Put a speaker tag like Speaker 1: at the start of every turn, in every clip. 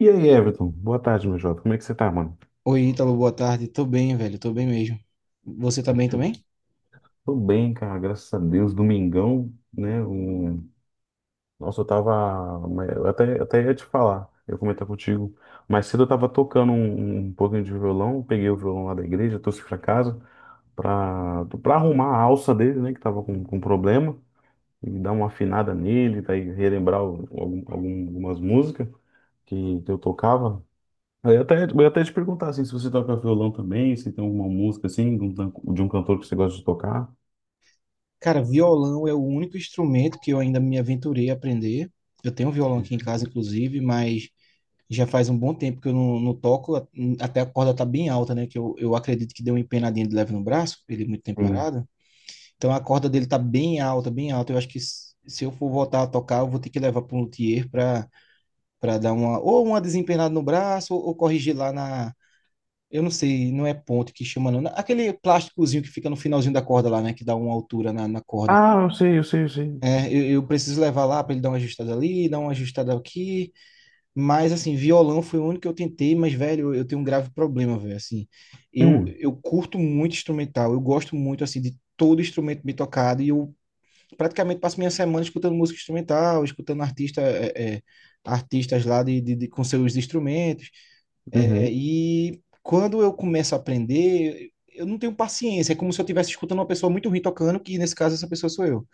Speaker 1: E aí, Everton? Boa tarde, meu jovem. Como é que você tá, mano?
Speaker 2: Oi, Ítalo, boa tarde. Tô bem, velho, tô bem mesmo. Você tá bem também?
Speaker 1: Tranquilo? Tô bem, cara, graças a Deus. Domingão, né? O... Nossa, eu tava. Mas Eu até, ia te falar, eu ia comentar contigo. Mais cedo eu tava tocando um pouquinho de violão, peguei o violão lá da igreja, trouxe pra casa pra arrumar a alça dele, né? Que tava com problema, e dar uma afinada nele, daí relembrar algumas músicas que eu tocava. Eu ia até, te perguntar assim, se você toca violão também, se tem alguma música assim, de um, de um cantor que você gosta de tocar.
Speaker 2: Cara, violão é o único instrumento que eu ainda me aventurei a aprender. Eu tenho um violão aqui em casa, inclusive, mas já faz um bom tempo que eu não toco, até a corda tá bem alta, né? Que eu acredito que deu uma empenadinha de leve no braço, ele é muito tempo
Speaker 1: Sim.
Speaker 2: parado. Então a corda dele tá bem alta, bem alta. Eu acho que se eu for voltar a tocar, eu vou ter que levar para um luthier para dar uma ou uma desempenada no braço ou corrigir lá na. Eu não sei, não é ponto que chama, não. Aquele plásticozinho que fica no finalzinho da corda lá, né? Que dá uma altura na corda.
Speaker 1: Ah, eu sei, eu sei, eu sei.
Speaker 2: É, eu preciso levar lá para ele dar uma ajustada ali, dar uma ajustada aqui. Mas, assim, violão foi o único que eu tentei, mas, velho, eu tenho um grave problema, velho. Assim, eu,
Speaker 1: Hum,
Speaker 2: eu curto muito instrumental, eu gosto muito, assim, de todo instrumento bem tocado, e eu praticamente passo minha semana escutando música instrumental, escutando artista, artistas lá com seus instrumentos. É,
Speaker 1: uhum.
Speaker 2: e quando eu começo a aprender, eu não tenho paciência, é como se eu estivesse escutando uma pessoa muito ruim tocando, que nesse caso essa pessoa sou eu.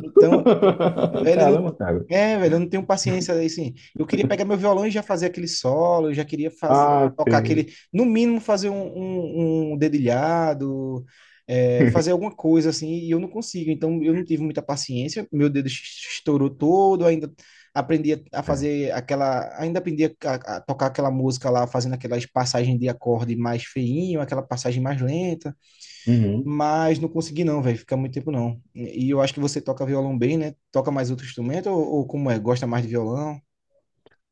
Speaker 2: Então, velho, eu não.
Speaker 1: Caramba, cara.
Speaker 2: É, velho, eu não tenho paciência assim. Eu queria pegar meu violão e já fazer aquele solo, eu já queria fazer,
Speaker 1: Ah,
Speaker 2: tocar
Speaker 1: sei.
Speaker 2: aquele, no mínimo fazer um dedilhado, fazer alguma coisa assim, e eu não consigo. Então eu não tive muita paciência, meu dedo estourou todo, ainda aprendi a
Speaker 1: É.
Speaker 2: fazer aquela, ainda aprendi a tocar aquela música lá, fazendo aquelas passagens de acorde mais feinho, aquela passagem mais lenta
Speaker 1: Uhum.
Speaker 2: mas não consegui não, velho, ficar muito tempo não. E eu acho que você toca violão bem, né? Toca mais outro instrumento ou como é? Gosta mais de violão?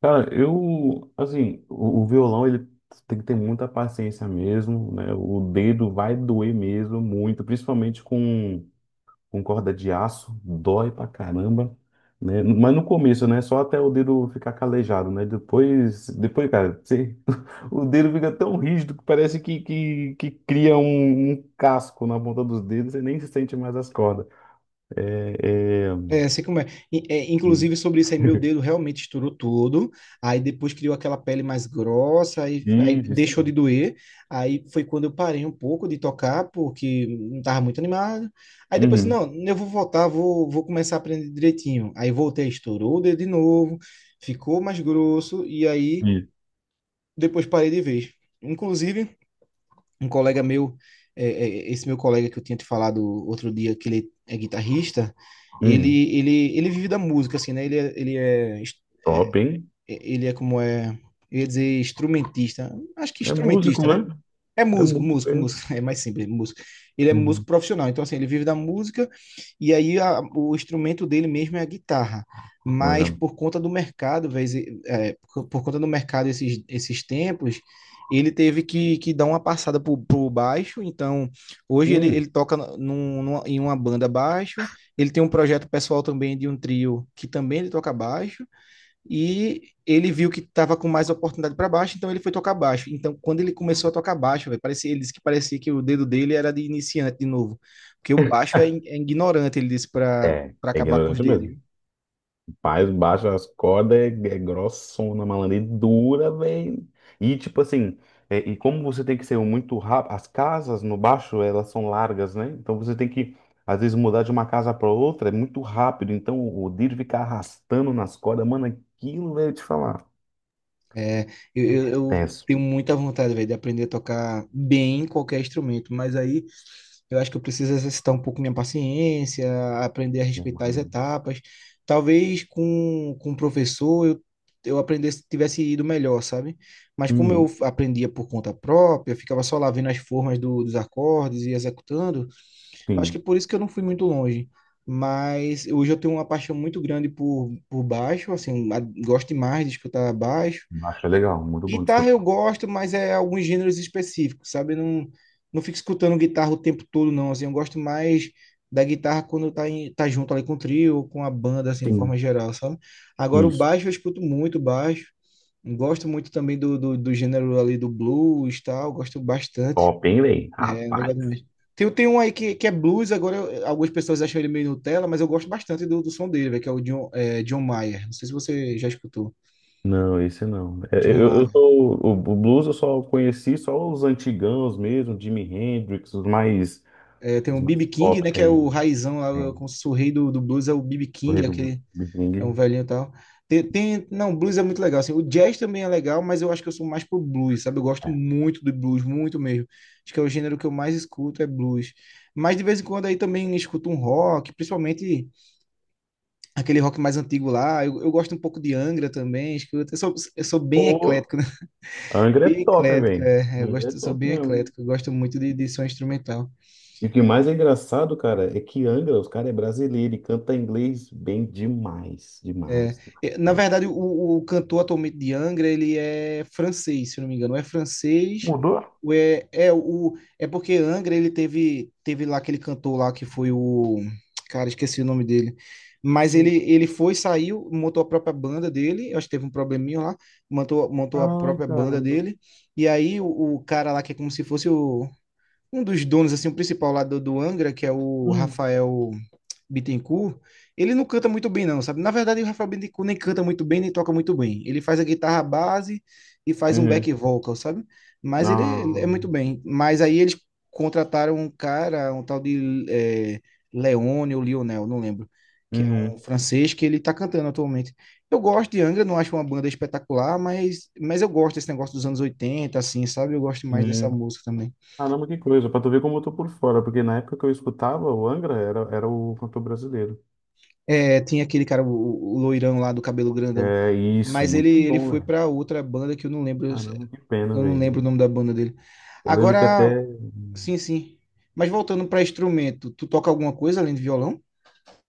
Speaker 1: Cara, eu, assim, o violão, ele tem que ter muita paciência mesmo, né? O dedo vai doer mesmo, muito, principalmente com corda de aço, dói pra caramba, né? Mas no começo, né? Só até o dedo ficar calejado, né? Depois, depois, cara, o dedo fica tão rígido que parece que cria um casco na ponta dos dedos, você nem se sente mais as cordas. É, é...
Speaker 2: É, sei como é. E, inclusive sobre isso aí, meu dedo realmente estourou todo, aí depois criou aquela pele mais grossa, aí
Speaker 1: Isso, isso.
Speaker 2: deixou de
Speaker 1: Mesmo.
Speaker 2: doer, aí foi quando eu parei um pouco de tocar, porque não estava muito animado, aí depois,
Speaker 1: Uhum.
Speaker 2: não, eu vou voltar, vou começar a aprender direitinho, aí voltei, estourou o dedo de novo, ficou mais grosso, e aí
Speaker 1: Isso.
Speaker 2: depois parei de vez. Inclusive, um colega meu, esse meu colega que eu tinha te falado outro dia, que ele é guitarrista,
Speaker 1: Uhum.
Speaker 2: ele vive da música, assim, né?
Speaker 1: Top, hein?
Speaker 2: Ele é como é, eu ia dizer instrumentista, acho que
Speaker 1: É músico,
Speaker 2: instrumentista, né?
Speaker 1: né?
Speaker 2: É
Speaker 1: É
Speaker 2: músico,
Speaker 1: músico,
Speaker 2: músico,
Speaker 1: é.
Speaker 2: músico. É mais simples, músico. Ele é músico
Speaker 1: Uhum.
Speaker 2: profissional, então assim, ele vive da música e aí o instrumento dele mesmo é a guitarra. Mas
Speaker 1: Manja.
Speaker 2: por conta do mercado, por conta do mercado esses tempos, ele teve que dar uma passada pro baixo. Então hoje ele,
Speaker 1: Hum.
Speaker 2: ele toca em uma banda baixo. Ele tem um projeto pessoal também de um trio que também ele toca baixo. E ele viu que estava com mais oportunidade para baixo, então ele foi tocar baixo. Então, quando ele começou a tocar baixo, velho, parecia, ele disse que parecia que o dedo dele era de iniciante de novo. Porque o baixo é, é ignorante, ele disse, para
Speaker 1: É,
Speaker 2: para
Speaker 1: é
Speaker 2: acabar com os
Speaker 1: ignorante
Speaker 2: dedos.
Speaker 1: mesmo.
Speaker 2: Viu?
Speaker 1: Faz baixa as cordas, é, é grossona, malandro, e dura, velho. E tipo assim, é, e como você tem que ser muito rápido, as casas no baixo, elas são largas, né? Então você tem que, às vezes, mudar de uma casa para outra, é muito rápido. Então o dedo fica arrastando nas cordas, mano, aquilo, velho, te falar.
Speaker 2: É, eu, eu,
Speaker 1: É
Speaker 2: eu
Speaker 1: tenso,
Speaker 2: tenho muita vontade, velho, de aprender a tocar bem qualquer instrumento, mas aí eu acho que eu preciso exercitar um pouco minha paciência, aprender a
Speaker 1: né,
Speaker 2: respeitar as
Speaker 1: mano?
Speaker 2: etapas. Talvez com o professor eu aprendesse, tivesse ido melhor, sabe? Mas como eu
Speaker 1: Uhum,
Speaker 2: aprendia por conta própria, eu ficava só lá vendo as formas dos acordes e executando, eu acho que é
Speaker 1: sim,
Speaker 2: por isso que eu não fui muito longe. Mas hoje eu tenho uma paixão muito grande por baixo, assim, gosto demais de escutar baixo.
Speaker 1: baixo é legal, muito bom de
Speaker 2: Guitarra
Speaker 1: escutar.
Speaker 2: eu gosto, mas é alguns gêneros específicos, sabe? Eu não fico escutando guitarra o tempo todo, não. Assim, eu gosto mais da guitarra quando tá, tá junto ali com o trio ou com a banda, assim, de forma
Speaker 1: Sim,
Speaker 2: geral, sabe? Agora o
Speaker 1: isso.
Speaker 2: baixo eu escuto muito baixo. Gosto muito também do gênero ali do blues e tal. Gosto bastante.
Speaker 1: Top, hein, velho?
Speaker 2: É, é
Speaker 1: Rapaz.
Speaker 2: legal demais. Tem um aí que é blues, agora algumas pessoas acham ele meio Nutella, mas eu gosto bastante do som dele, velho, que é o John, John Mayer. Não sei se você já escutou.
Speaker 1: Não, esse não. É, é,
Speaker 2: John
Speaker 1: eu
Speaker 2: Mayer.
Speaker 1: sou, o blues eu só conheci só os antigãos mesmo, Jimi Hendrix,
Speaker 2: É, tem
Speaker 1: os
Speaker 2: o
Speaker 1: mais
Speaker 2: B.B. King,
Speaker 1: top
Speaker 2: né?
Speaker 1: que
Speaker 2: Que
Speaker 1: é,
Speaker 2: é o raizão,
Speaker 1: é,
Speaker 2: lá, como se fosse o rei do blues, é o B.B.
Speaker 1: o
Speaker 2: King,
Speaker 1: rei
Speaker 2: é
Speaker 1: do blues,
Speaker 2: aquele,
Speaker 1: Big
Speaker 2: é um
Speaker 1: Bang.
Speaker 2: velhinho e tal. Não, blues é muito legal, assim. O jazz também é legal, mas eu acho que eu sou mais pro blues, sabe? Eu gosto muito do blues, muito mesmo. Acho que é o gênero que eu mais escuto, é blues. Mas de vez em quando aí também escuto um rock, principalmente aquele rock mais antigo lá. Eu gosto um pouco de Angra também, escuto. Eu sou bem
Speaker 1: Pô,
Speaker 2: eclético, né?
Speaker 1: Angra é
Speaker 2: Bem
Speaker 1: top,
Speaker 2: eclético,
Speaker 1: velho.
Speaker 2: é. Eu
Speaker 1: Angra é
Speaker 2: gosto, sou
Speaker 1: top
Speaker 2: bem
Speaker 1: mesmo.
Speaker 2: eclético, eu gosto muito de som instrumental.
Speaker 1: E o que mais é engraçado, cara, é que Angra, os caras é brasileiro e canta inglês bem demais,
Speaker 2: É,
Speaker 1: demais, cara,
Speaker 2: na
Speaker 1: demais.
Speaker 2: verdade, o cantor atualmente de Angra, ele é francês, se eu não me engano. Ou é francês,
Speaker 1: Mudou?
Speaker 2: ou é porque Angra, ele teve lá aquele cantor lá que foi o... Cara, esqueci o nome dele. Mas
Speaker 1: Hum.
Speaker 2: ele foi, saiu, montou a própria banda dele. Eu acho que teve um probleminha lá. Montou, montou a
Speaker 1: Ai,
Speaker 2: própria banda
Speaker 1: caramba.
Speaker 2: dele. E aí o cara lá, que é como se fosse um dos donos, assim, o principal lá do Angra, que é o
Speaker 1: Hum.
Speaker 2: Rafael... Bittencourt, ele não canta muito bem, não, sabe? Na verdade, o Rafael Bittencourt nem canta muito bem, nem toca muito bem. Ele faz a guitarra base e faz um back
Speaker 1: Uhum.
Speaker 2: vocal, sabe? Mas ele é
Speaker 1: Ah.
Speaker 2: muito bem. Mas aí eles contrataram um cara, um tal de Leone ou Lionel, não lembro, que é um
Speaker 1: Uhum.
Speaker 2: francês que ele tá cantando atualmente. Eu gosto de Angra, não acho uma banda espetacular, mas eu gosto desse negócio dos anos 80, assim, sabe? Eu gosto mais dessa
Speaker 1: Uhum.
Speaker 2: música também.
Speaker 1: Caramba, que coisa, pra tu ver como eu tô por fora, porque na época que eu escutava o Angra era, era o cantor brasileiro.
Speaker 2: É, tinha aquele cara, o loirão lá do cabelo grandão.
Speaker 1: É isso,
Speaker 2: Mas ele,
Speaker 1: muito
Speaker 2: ele
Speaker 1: bom,
Speaker 2: foi
Speaker 1: velho.
Speaker 2: pra outra banda que
Speaker 1: Caramba, que pena,
Speaker 2: eu não lembro o
Speaker 1: velho.
Speaker 2: nome da banda dele.
Speaker 1: Eu lembro que
Speaker 2: Agora,
Speaker 1: até.
Speaker 2: sim, sim. Mas voltando pra instrumento, tu toca alguma coisa além de violão?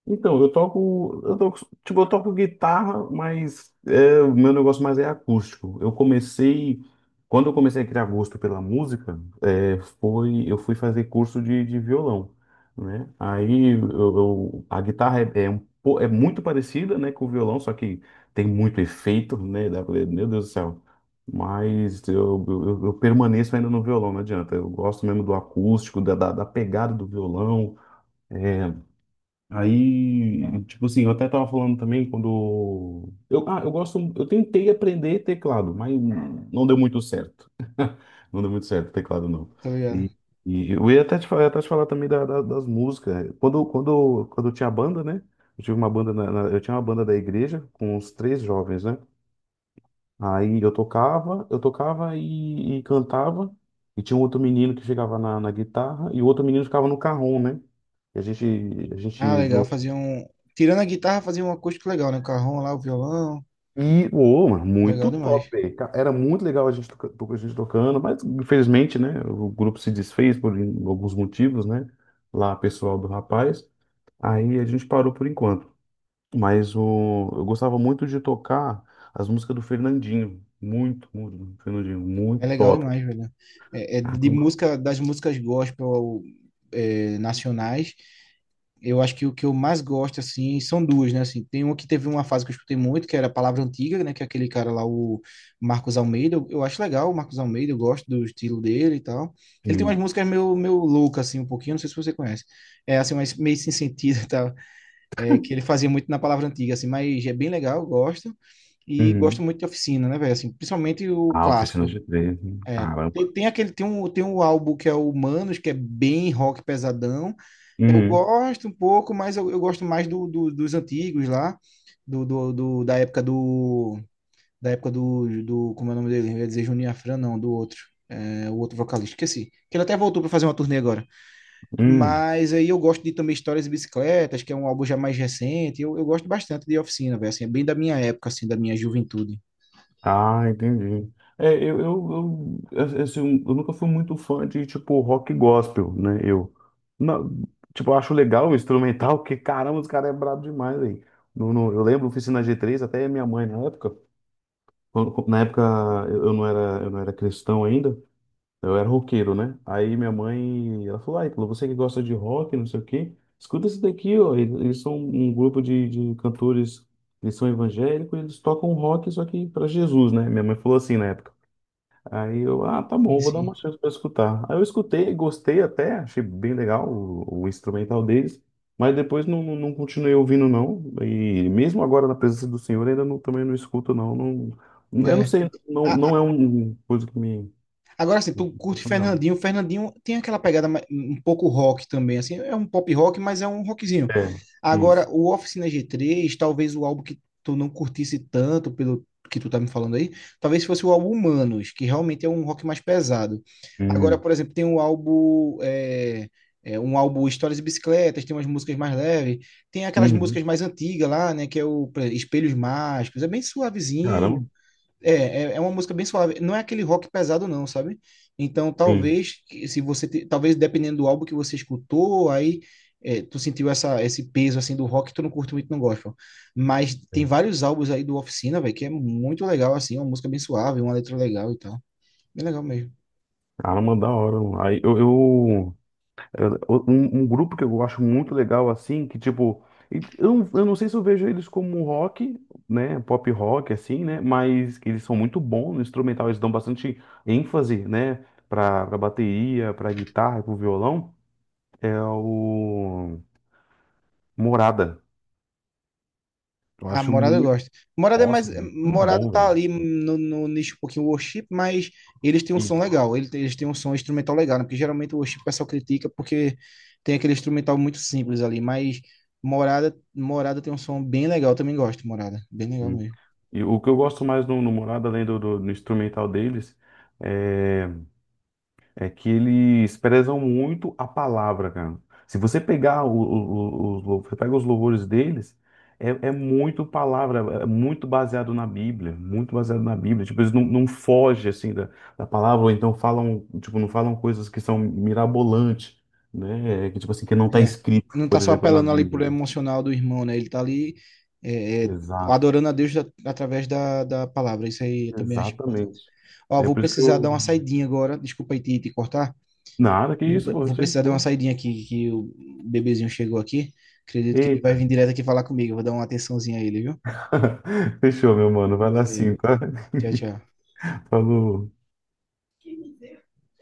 Speaker 1: Então, eu toco, tipo, eu toco guitarra, mas é, o meu negócio mais é acústico. Eu comecei, quando eu comecei a criar gosto pela música, é, foi, eu fui fazer curso de violão, né? Aí eu, a guitarra é, é, um é muito parecida, né, com o violão, só que tem muito efeito, né? Dá pra meu Deus do céu. Mas eu, eu permaneço ainda no violão, não adianta. Eu gosto mesmo do acústico, da pegada do violão. Aí, tipo assim, eu até tava falando também quando eu, ah, eu gosto, eu tentei aprender teclado, mas não deu muito certo. Não deu muito certo teclado não.
Speaker 2: Tá ligado?
Speaker 1: E, e eu ia até te falar, também das músicas. Quando eu tinha banda, né? Eu tive uma banda eu tinha uma banda da igreja com uns três jovens, né? Aí eu tocava, e cantava, e tinha um outro menino que chegava na guitarra e o outro menino ficava no carrom, né? E a gente, a gente
Speaker 2: Ah, legal, fazia um. Tirando a guitarra, fazia um acústico legal, né? O carrão lá, o violão.
Speaker 1: e, ô, mano,
Speaker 2: Legal
Speaker 1: muito top,
Speaker 2: demais.
Speaker 1: velho. Era muito legal a gente, a gente tocando, mas infelizmente, né, o grupo se desfez por alguns motivos, né, lá pessoal do rapaz, aí a gente parou por enquanto. Mas o, eu gostava muito de tocar as músicas do Fernandinho, muito, muito, Fernandinho,
Speaker 2: É
Speaker 1: muito
Speaker 2: legal
Speaker 1: top.
Speaker 2: demais, velho. É de
Speaker 1: Caramba.
Speaker 2: música, das músicas gospel, nacionais. Eu acho que o que eu mais gosto, assim, são duas, né? Assim, tem uma que teve uma fase que eu escutei muito, que era a Palavra Antiga, né? Que é aquele cara lá, o Marcos Almeida. Eu acho legal o Marcos Almeida, eu gosto do estilo dele e tal. Ele tem umas
Speaker 1: Sim.
Speaker 2: músicas meio, meio loucas, assim, um pouquinho, não sei se você conhece. É, assim, mas meio sem sentido e tal. É, que ele fazia muito na Palavra Antiga, assim, mas é bem legal, eu gosto. E gosto
Speaker 1: Uhum.
Speaker 2: muito de Oficina, né, velho? Assim, principalmente o
Speaker 1: Ah, oficina
Speaker 2: clássico,
Speaker 1: de três,
Speaker 2: é,
Speaker 1: caramba.
Speaker 2: tem, tem aquele, tem um, tem um álbum que é o Manos, que é bem rock pesadão. Eu
Speaker 1: Uhum.
Speaker 2: gosto um pouco, mas eu gosto mais dos antigos lá, do, do, do- da época do, da época do, do, como é o nome dele? Eu ia dizer Juninho Afran, não, do outro, o outro vocalista, esqueci. Que ele até voltou para fazer uma turnê agora.
Speaker 1: Uhum.
Speaker 2: Mas aí eu gosto de também Histórias e Bicicletas, que é um álbum já mais recente. Eu gosto bastante de Oficina, velho. Assim, é bem da minha época, assim, da minha juventude.
Speaker 1: Ah, entendi. É, eu, assim, um, eu nunca fui muito fã de, tipo, rock gospel, né? Eu, não, tipo, eu acho legal o instrumental, porque, caramba, os caras é brabo demais, aí. No, eu lembro, oficina G3, até minha mãe, na época, na época eu não era cristão ainda, eu era roqueiro, né? Aí minha mãe, ela falou, ai, Clô, você que gosta de rock, não sei o quê, escuta esse daqui, ó. Eles são um grupo de cantores, eles são evangélicos, eles tocam rock, só que para Jesus, né? Minha mãe falou assim na época. Aí eu, ah, tá
Speaker 2: Sim,
Speaker 1: bom, vou dar
Speaker 2: sim.
Speaker 1: uma chance para escutar. Aí eu escutei, gostei até, achei bem legal o instrumental deles, mas depois não, não continuei ouvindo, não. E mesmo agora na presença do Senhor, ainda não, também não escuto, não. Não, eu não
Speaker 2: É.
Speaker 1: sei, não, não
Speaker 2: A,
Speaker 1: é uma coisa que me.
Speaker 2: Agora, assim, tu curte
Speaker 1: Acho legal.
Speaker 2: Fernandinho. Fernandinho tem aquela pegada um pouco rock também, assim, é um pop rock, mas é um rockzinho.
Speaker 1: É,
Speaker 2: Agora,
Speaker 1: isso.
Speaker 2: o Oficina G3, talvez o álbum que tu não curtisse tanto, pelo que tu tá me falando aí, talvez fosse o álbum Humanos, que realmente é um rock mais pesado. Agora,
Speaker 1: Hum,
Speaker 2: por exemplo, tem um álbum, um álbum Histórias e Bicicletas, tem umas músicas mais leves, tem aquelas
Speaker 1: uhum.
Speaker 2: músicas mais antigas lá, né, que é o por exemplo, Espelhos Mágicos, é bem
Speaker 1: Caramba,
Speaker 2: suavezinho. É uma música bem suave. Não é aquele rock pesado, não, sabe? Então,
Speaker 1: sim.
Speaker 2: talvez, se você, talvez dependendo do álbum que você escutou, aí tu sentiu essa, esse peso assim do rock, tu não curte muito, não gosta. Mas tem vários álbuns aí do Oficina, velho, que é muito legal, assim, uma música bem suave, uma letra legal e tal. Bem legal mesmo.
Speaker 1: Caramba, da hora, mano. Aí eu, um, um grupo que eu acho muito legal, assim, que tipo, eu, eu não sei se eu vejo eles como um rock, né? Pop rock, assim, né? Mas que eles são muito bons no instrumental, eles dão bastante ênfase, né? Pra, pra bateria, pra guitarra, pro violão. É o Morada. Eu
Speaker 2: Ah,
Speaker 1: acho
Speaker 2: Morada eu
Speaker 1: muito.
Speaker 2: gosto. Morada é mais.
Speaker 1: Nossa, muito
Speaker 2: Morada
Speaker 1: bom,
Speaker 2: tá
Speaker 1: velho.
Speaker 2: ali no nicho um pouquinho worship, mas eles têm um som legal. Eles têm um som instrumental legal, né? Porque geralmente o worship o pessoal critica porque tem aquele instrumental muito simples ali. Mas Morada, Morada tem um som bem legal. Eu também gosto, de Morada. Bem legal mesmo.
Speaker 1: E o que eu gosto mais no, no Morada, além do, do instrumental deles, é, é que eles prezam muito a palavra, cara. Se você pegar o, os, você pega os louvores deles, é, é muito palavra, é muito baseado na Bíblia, muito baseado na Bíblia. Tipo, eles não, não fogem, assim, da, da palavra, ou então falam, tipo, não falam coisas que são mirabolantes, né? É que, tipo assim, que não está
Speaker 2: É.
Speaker 1: escrito,
Speaker 2: Não tá
Speaker 1: por
Speaker 2: só
Speaker 1: exemplo, na
Speaker 2: apelando ali
Speaker 1: Bíblia,
Speaker 2: pro
Speaker 1: né?
Speaker 2: emocional do irmão, né? Ele tá ali é, é,
Speaker 1: Exato,
Speaker 2: adorando a Deus através da palavra. Isso aí eu também acho importante.
Speaker 1: exatamente.
Speaker 2: Ó,
Speaker 1: É
Speaker 2: vou
Speaker 1: por isso que
Speaker 2: precisar dar
Speaker 1: eu
Speaker 2: uma saidinha agora. Desculpa aí te cortar.
Speaker 1: nada, que
Speaker 2: Vou
Speaker 1: isso, pô,
Speaker 2: vou precisar
Speaker 1: gente,
Speaker 2: dar uma
Speaker 1: boa.
Speaker 2: saidinha aqui, que o bebezinho chegou aqui. Acredito que ele vai
Speaker 1: Eita.
Speaker 2: vir direto aqui falar comigo. Eu vou dar uma atençãozinha a ele, viu?
Speaker 1: Fechou, meu mano. Vai lá
Speaker 2: Valeu,
Speaker 1: sim, tá?
Speaker 2: tchau, tchau.
Speaker 1: Falou.